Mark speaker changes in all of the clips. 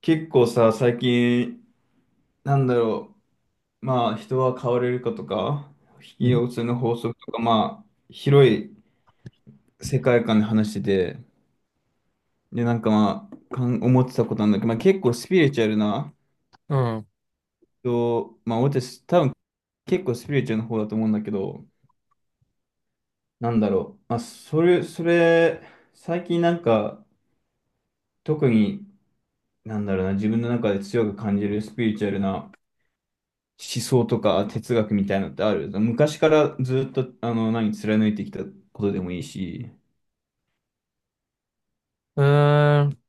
Speaker 1: 結構さ、最近、なんだろう、まあ、人は変われるかとか、引
Speaker 2: う
Speaker 1: き
Speaker 2: ん。
Speaker 1: 寄せの法則とか、まあ、広い世界観で話してて、で、なんかまあ、思ってたことなんだけど、まあ、結構スピリチュアルな
Speaker 2: うん。
Speaker 1: 人、まあ、私、多分結構スピリチュアルの方だと思うんだけど、なんだろう、まあ、それ、それ、最近なんか、特に、なんだろうな、自分の中で強く感じるスピリチュアルな思想とか哲学みたいなのってある昔からずっと、何、貫いてきたことでもいいし。
Speaker 2: うーん。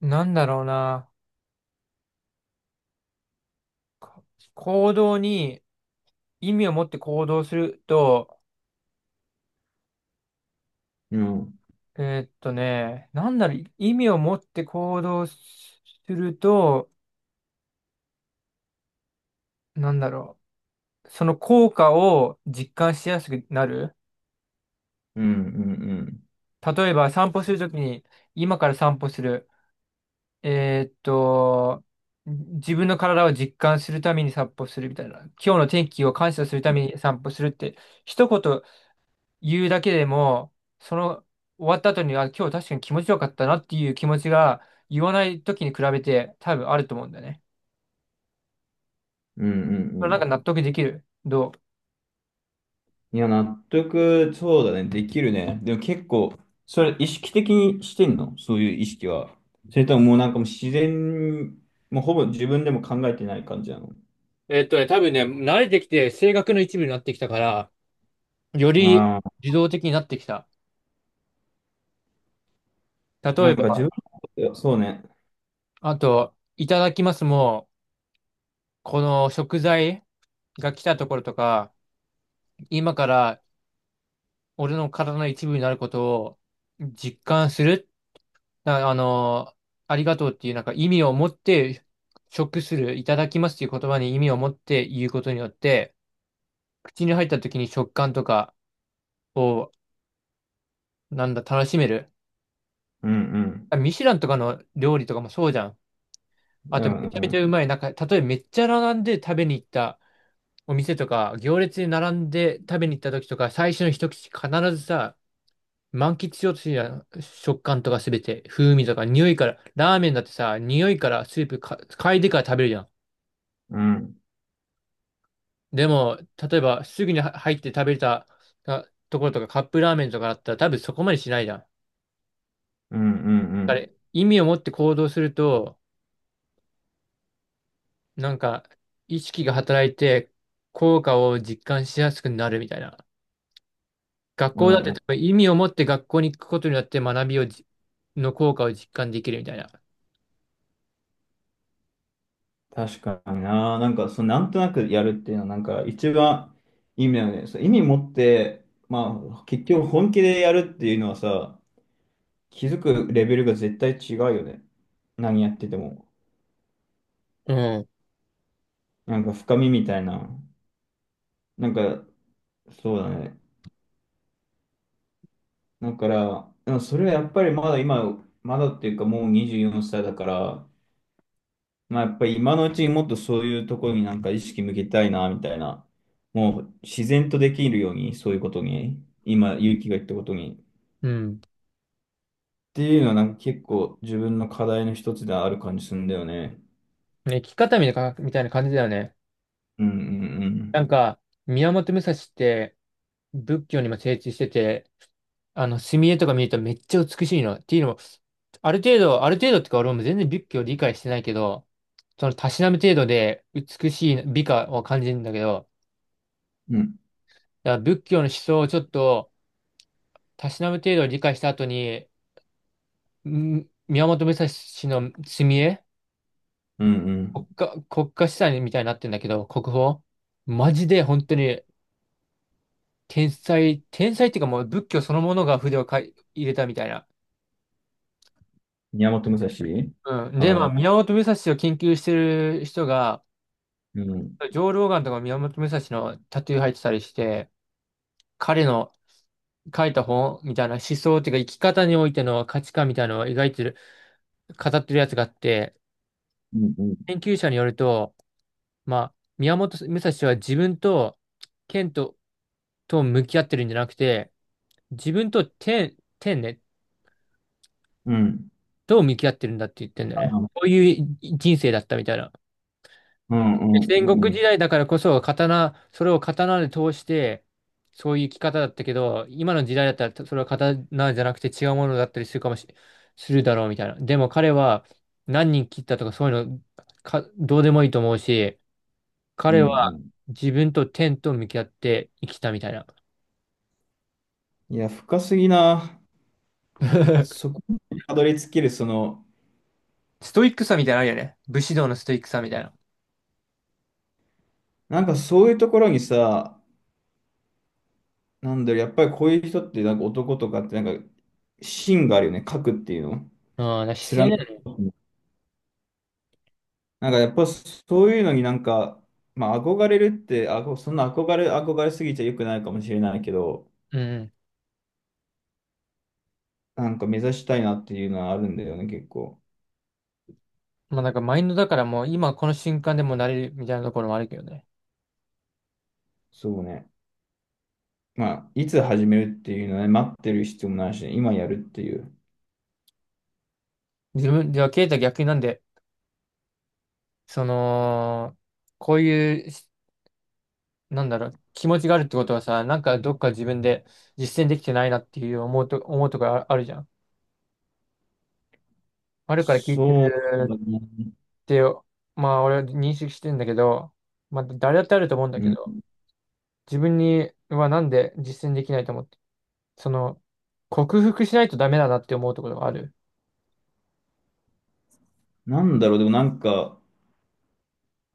Speaker 2: なんだろうな。か行動に意味を持って行動すると、
Speaker 1: うん、うん、
Speaker 2: え意味を持って行動すると、なんだろその効果を実感しやすくなる。
Speaker 1: うん、
Speaker 2: 例えば散歩するときに、今から散歩する。えーっと、自分の体を実感するために散歩するみたいな。今日の天気を感謝するために散歩するって、一言言うだけでも、その終わった後に、あ、今日確かに気持ちよかったなっていう気持ちが言わない時に比べて多分あると思うんだよね。
Speaker 1: うん、うん、うん
Speaker 2: そ
Speaker 1: う
Speaker 2: れなんか
Speaker 1: ん。
Speaker 2: 納得できる。どう？
Speaker 1: いや、納得、そうだね、できるね。でも結構、それ意識的にしてんの、そういう意識は。それとももうなんかもう自然、もうほぼ自分でも考えてない感じなの。
Speaker 2: 多分ね、慣れてきて性格の一部になってきたから、より
Speaker 1: ああ、
Speaker 2: 自動的になってきた。例
Speaker 1: な
Speaker 2: え
Speaker 1: んか自分
Speaker 2: ば、
Speaker 1: のこと、そうね。
Speaker 2: あと、いただきますも、この食材が来たところとか、今から俺の体の一部になることを実感するあの、ありがとうっていうなんか意味を持って、食する、いただきますっていう言葉に意味を持って言うことによって、口に入った時に食感とかを、なんだ、楽しめる。
Speaker 1: うんうん。
Speaker 2: あ、ミシュランとかの料理とかもそうじゃん。
Speaker 1: う
Speaker 2: あと、
Speaker 1: んう
Speaker 2: めちゃめち
Speaker 1: ん。
Speaker 2: ゃうまい。なんか、例えばめっちゃ並んで食べに行ったお店とか、行列に並んで食べに行った時とか、最初の一口必ずさ、満喫しようとするじゃん。食感とかすべて、風味とか、匂いから、ラーメンだってさ、匂いからスープか嗅いでから食べるじゃん。
Speaker 1: うん
Speaker 2: でも、例えば、すぐには入って食べたところとか、カップラーメンとかだったら、多分そこまでしないじゃん。
Speaker 1: うんうんう
Speaker 2: あ
Speaker 1: ん。
Speaker 2: れ、意味を持って行動すると、なんか、意識が働いて、効果を実感しやすくなるみたいな。学
Speaker 1: う
Speaker 2: 校だっ
Speaker 1: ん
Speaker 2: て、
Speaker 1: う
Speaker 2: 多
Speaker 1: ん。
Speaker 2: 分意味を持って学校に行くことによって、学びをじ、の効果を実感できるみたいな。
Speaker 1: 確かにな。なんか、そのなんとなくやるっていうのは、なんか、一番意味だよね。そう、意味持って、まあ、結局本気でやるっていうのはさ、気づくレベルが絶対違うよね。何やってても。
Speaker 2: うん。
Speaker 1: なんか、深みみたいな。なんか、そうだね。だから、でもそれはやっぱりまだ今、まだっていうか、もう24歳だから、まあ、やっぱり今のうちにもっとそういうところになんか意識向けたいな、みたいな。もう自然とできるように、そういうことに、今、勇気が言ったことに。っ
Speaker 2: うん。
Speaker 1: ていうのはなんか結構自分の課題の一つである感じするんだよね。
Speaker 2: ね、生き方みたいなみたいな感じだよね。
Speaker 1: うんう
Speaker 2: な
Speaker 1: ん
Speaker 2: んか、宮本武蔵って仏教にも精通してて、あの、墨絵とか見るとめっちゃ美しいの。っていうのある程度、ある程度ってか俺も全然仏教理解してないけど、そのたしなむ程度で美しい美化を感じるんだけど、
Speaker 1: うん。うん
Speaker 2: だから仏教の思想をちょっとたしなむ程度理解した後に、宮本武蔵の墨絵、
Speaker 1: うんう
Speaker 2: 国
Speaker 1: ん。
Speaker 2: 家、国家資産みたいになってんだけど、国宝。マジで本当に天才、天才っていうかもう仏教そのものが筆をかい入れたみたいな。
Speaker 1: 宮本武蔵、
Speaker 2: うん。
Speaker 1: あ
Speaker 2: で、まあ、
Speaker 1: の、
Speaker 2: 宮本武蔵を研究してる人が、
Speaker 1: うん。
Speaker 2: 上老眼とか宮本武蔵のタトゥー入ってたりして、彼の書いた本みたいな思想っていうか生き方においての価値観みたいなのを描いてる、語ってるやつがあって、
Speaker 1: うんうん。
Speaker 2: 研究者によると、まあ、宮本武蔵は自分と剣と、と向き合ってるんじゃなくて、自分と天、天ね、
Speaker 1: うん。
Speaker 2: と向き合ってるんだって言ってんだよね。
Speaker 1: あ、
Speaker 2: こういう人生だったみたいな。
Speaker 1: うんうん
Speaker 2: 戦
Speaker 1: う
Speaker 2: 国
Speaker 1: ん。
Speaker 2: 時代だからこそ、刀、それを刀で通して、そういう生き方だったけど、今の時代だったら、それは刀じゃなくて違うものだったりするかもし、するだろうみたいな。でも彼は何人切ったとかそういうのどうでもいいと思うし、
Speaker 1: う
Speaker 2: 彼
Speaker 1: んう
Speaker 2: は
Speaker 1: ん。
Speaker 2: 自分と天と向き合って生きたみたいな。
Speaker 1: いや、深すぎな。そ こにたどり着ける、
Speaker 2: ストイックさみたいなのあるよね。武士道のストイックさみたいな。
Speaker 1: なんかそういうところにさ、なんだろう、やっぱりこういう人って、なんか男とかって、なんか、芯があるよね、書くっていうの。
Speaker 2: うん、だから姿
Speaker 1: 貫
Speaker 2: 勢
Speaker 1: く、
Speaker 2: だよね、
Speaker 1: なんかやっぱそういうのになんか、まあ憧れるって、そんな憧れすぎちゃ良くないかもしれないけど、
Speaker 2: うん。
Speaker 1: なんか目指したいなっていうのはあるんだよね、結構。
Speaker 2: まあなんかマインドだからもう今この瞬間でもなれるみたいなところもあるけどね。
Speaker 1: そうね。まあ、いつ始めるっていうのはね、待ってる必要もないしね、今やるっていう。
Speaker 2: 自分、ではケイタ逆になんでその、こういうし、なんだろう、気持ちがあるってことはさ、なんかどっか自分で実践できてないなっていう思うとかああるじゃん。あるから聞いて
Speaker 1: そう
Speaker 2: る
Speaker 1: だね。
Speaker 2: って、まあ俺は認識してんだけど、まあ誰だってあると思うんだ
Speaker 1: う
Speaker 2: け
Speaker 1: ん。
Speaker 2: ど、自分にはなんで実践できないと思ってその、克服しないとダメだなって思うところがある。
Speaker 1: なんだろう、でもなんか、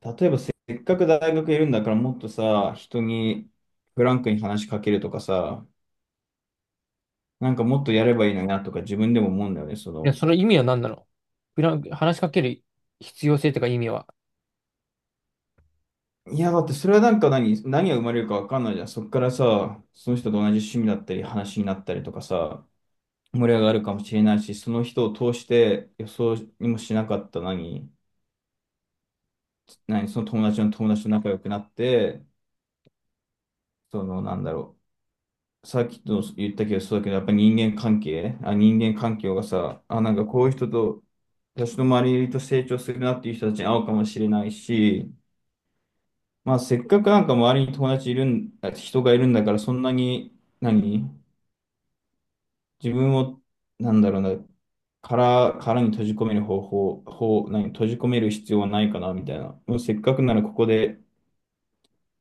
Speaker 1: 例えばせっかく大学いるんだからもっとさ、人にフランクに話しかけるとかさ、なんかもっとやればいいのになとか自分でも思うんだよね、そ
Speaker 2: いや、
Speaker 1: の。
Speaker 2: その意味は何なの？フラン話しかける必要性とか意味は。
Speaker 1: いや、だってそれはなんか何、何が生まれるかわかんないじゃん。そっからさ、その人と同じ趣味だったり話になったりとかさ、盛り上がるかもしれないし、その人を通して予想にもしなかった何、その友達の友達と仲良くなって、そのなんだろう。さっきと言ったけど、そうだけど、やっぱり人間関係、あ、人間環境がさ、あ、なんかこういう人と私の周りと成長するなっていう人たちに会うかもしれないし、まあせっかくなんか周りに友達いるん、あ、人がいるんだからそんなに、何自分を、なんだろうな、殻に閉じ込める方法、方、何閉じ込める必要はないかなみたいな。もうせっかくならここで、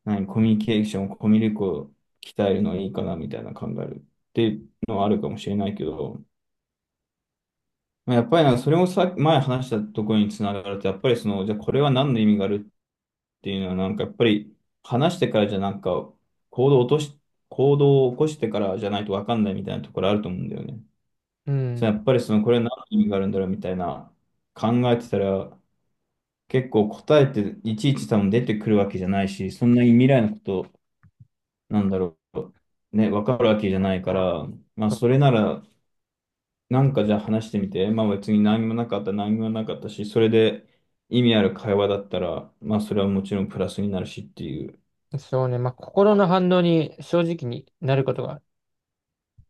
Speaker 1: 何コミュニケーション、コミュ力を鍛えるのはいいかなみたいな考えるっていうのはあるかもしれないけど、まあやっぱりなんかそれもさ、前話したところにつながると、やっぱりその、じゃあこれは何の意味があるっていうのは、なんかやっぱり話してからじゃなんか行動を落とし、行動を起こしてからじゃないとわかんないみたいなところあると思うんだよね。
Speaker 2: う
Speaker 1: そ
Speaker 2: ん。
Speaker 1: のやっぱりそのこれは何の意味があるんだろうみたいな考えてたら、結構答えっていちいち多分出てくるわけじゃないし、そんなに未来のことなんだろう。ね、わかるわけじゃないから、まあ
Speaker 2: そ
Speaker 1: それならなんかじゃあ話してみて、まあ別に何もなかったし、それで意味ある会話だったら、まあそれはもちろんプラスになるしっていう。
Speaker 2: そうね。まあ、心の反応に正直になることが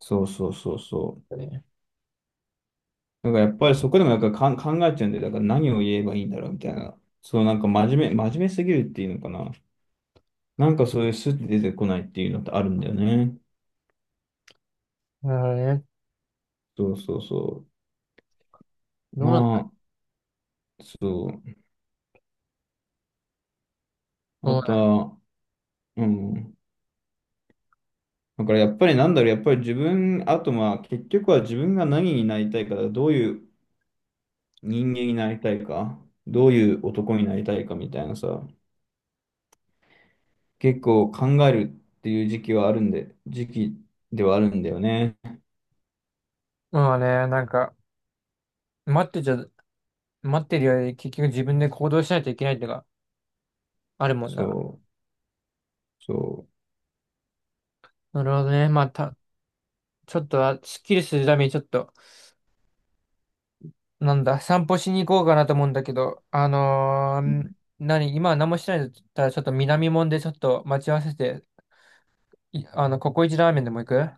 Speaker 1: そうそうそうそう。
Speaker 2: あるよね。
Speaker 1: なんかやっぱりそこでもなんか考えちゃうんで、だから何を言えばいいんだろうみたいな。そう、なんか真面目すぎるっていうのかな。なんかそういうスッて出てこないっていうのってあるんだよね。
Speaker 2: なるほどね。
Speaker 1: そうそうそう。
Speaker 2: どうなった？
Speaker 1: まあ、そう。あ
Speaker 2: そう
Speaker 1: と
Speaker 2: だ、
Speaker 1: は、うん。だからやっぱりなんだろう、やっぱり自分、あとまあ結局は自分が何になりたいか、どういう人間になりたいか、どういう男になりたいかみたいなさ、結構考えるっていう時期はあるんで、時期ではあるんだよね。
Speaker 2: まあね、なんか、待ってちゃ待ってるより結局自分で行動しないといけないってのがあるもんな。
Speaker 1: そう。そう。
Speaker 2: なるほどね。ちょっとは、すっきりするためにちょっと、なんだ、散歩しに行こうかなと思うんだけど、何、今は何もしてないんだったら、ちょっと南門でちょっと待ち合わせて、あの、ココイチラーメンでも行く？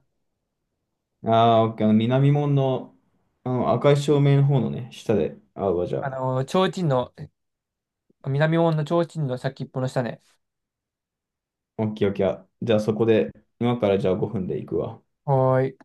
Speaker 1: ああー、オッケー、あの、南門の、あの、赤い照明の方のね、下で会うわ、じゃ
Speaker 2: あ
Speaker 1: あ。
Speaker 2: のー、提灯の、南門の提灯の先っぽの下ね。
Speaker 1: オッケー、オッケー。あ、じゃあ、そこで、今からじゃあ5分で行くわ。
Speaker 2: はーい。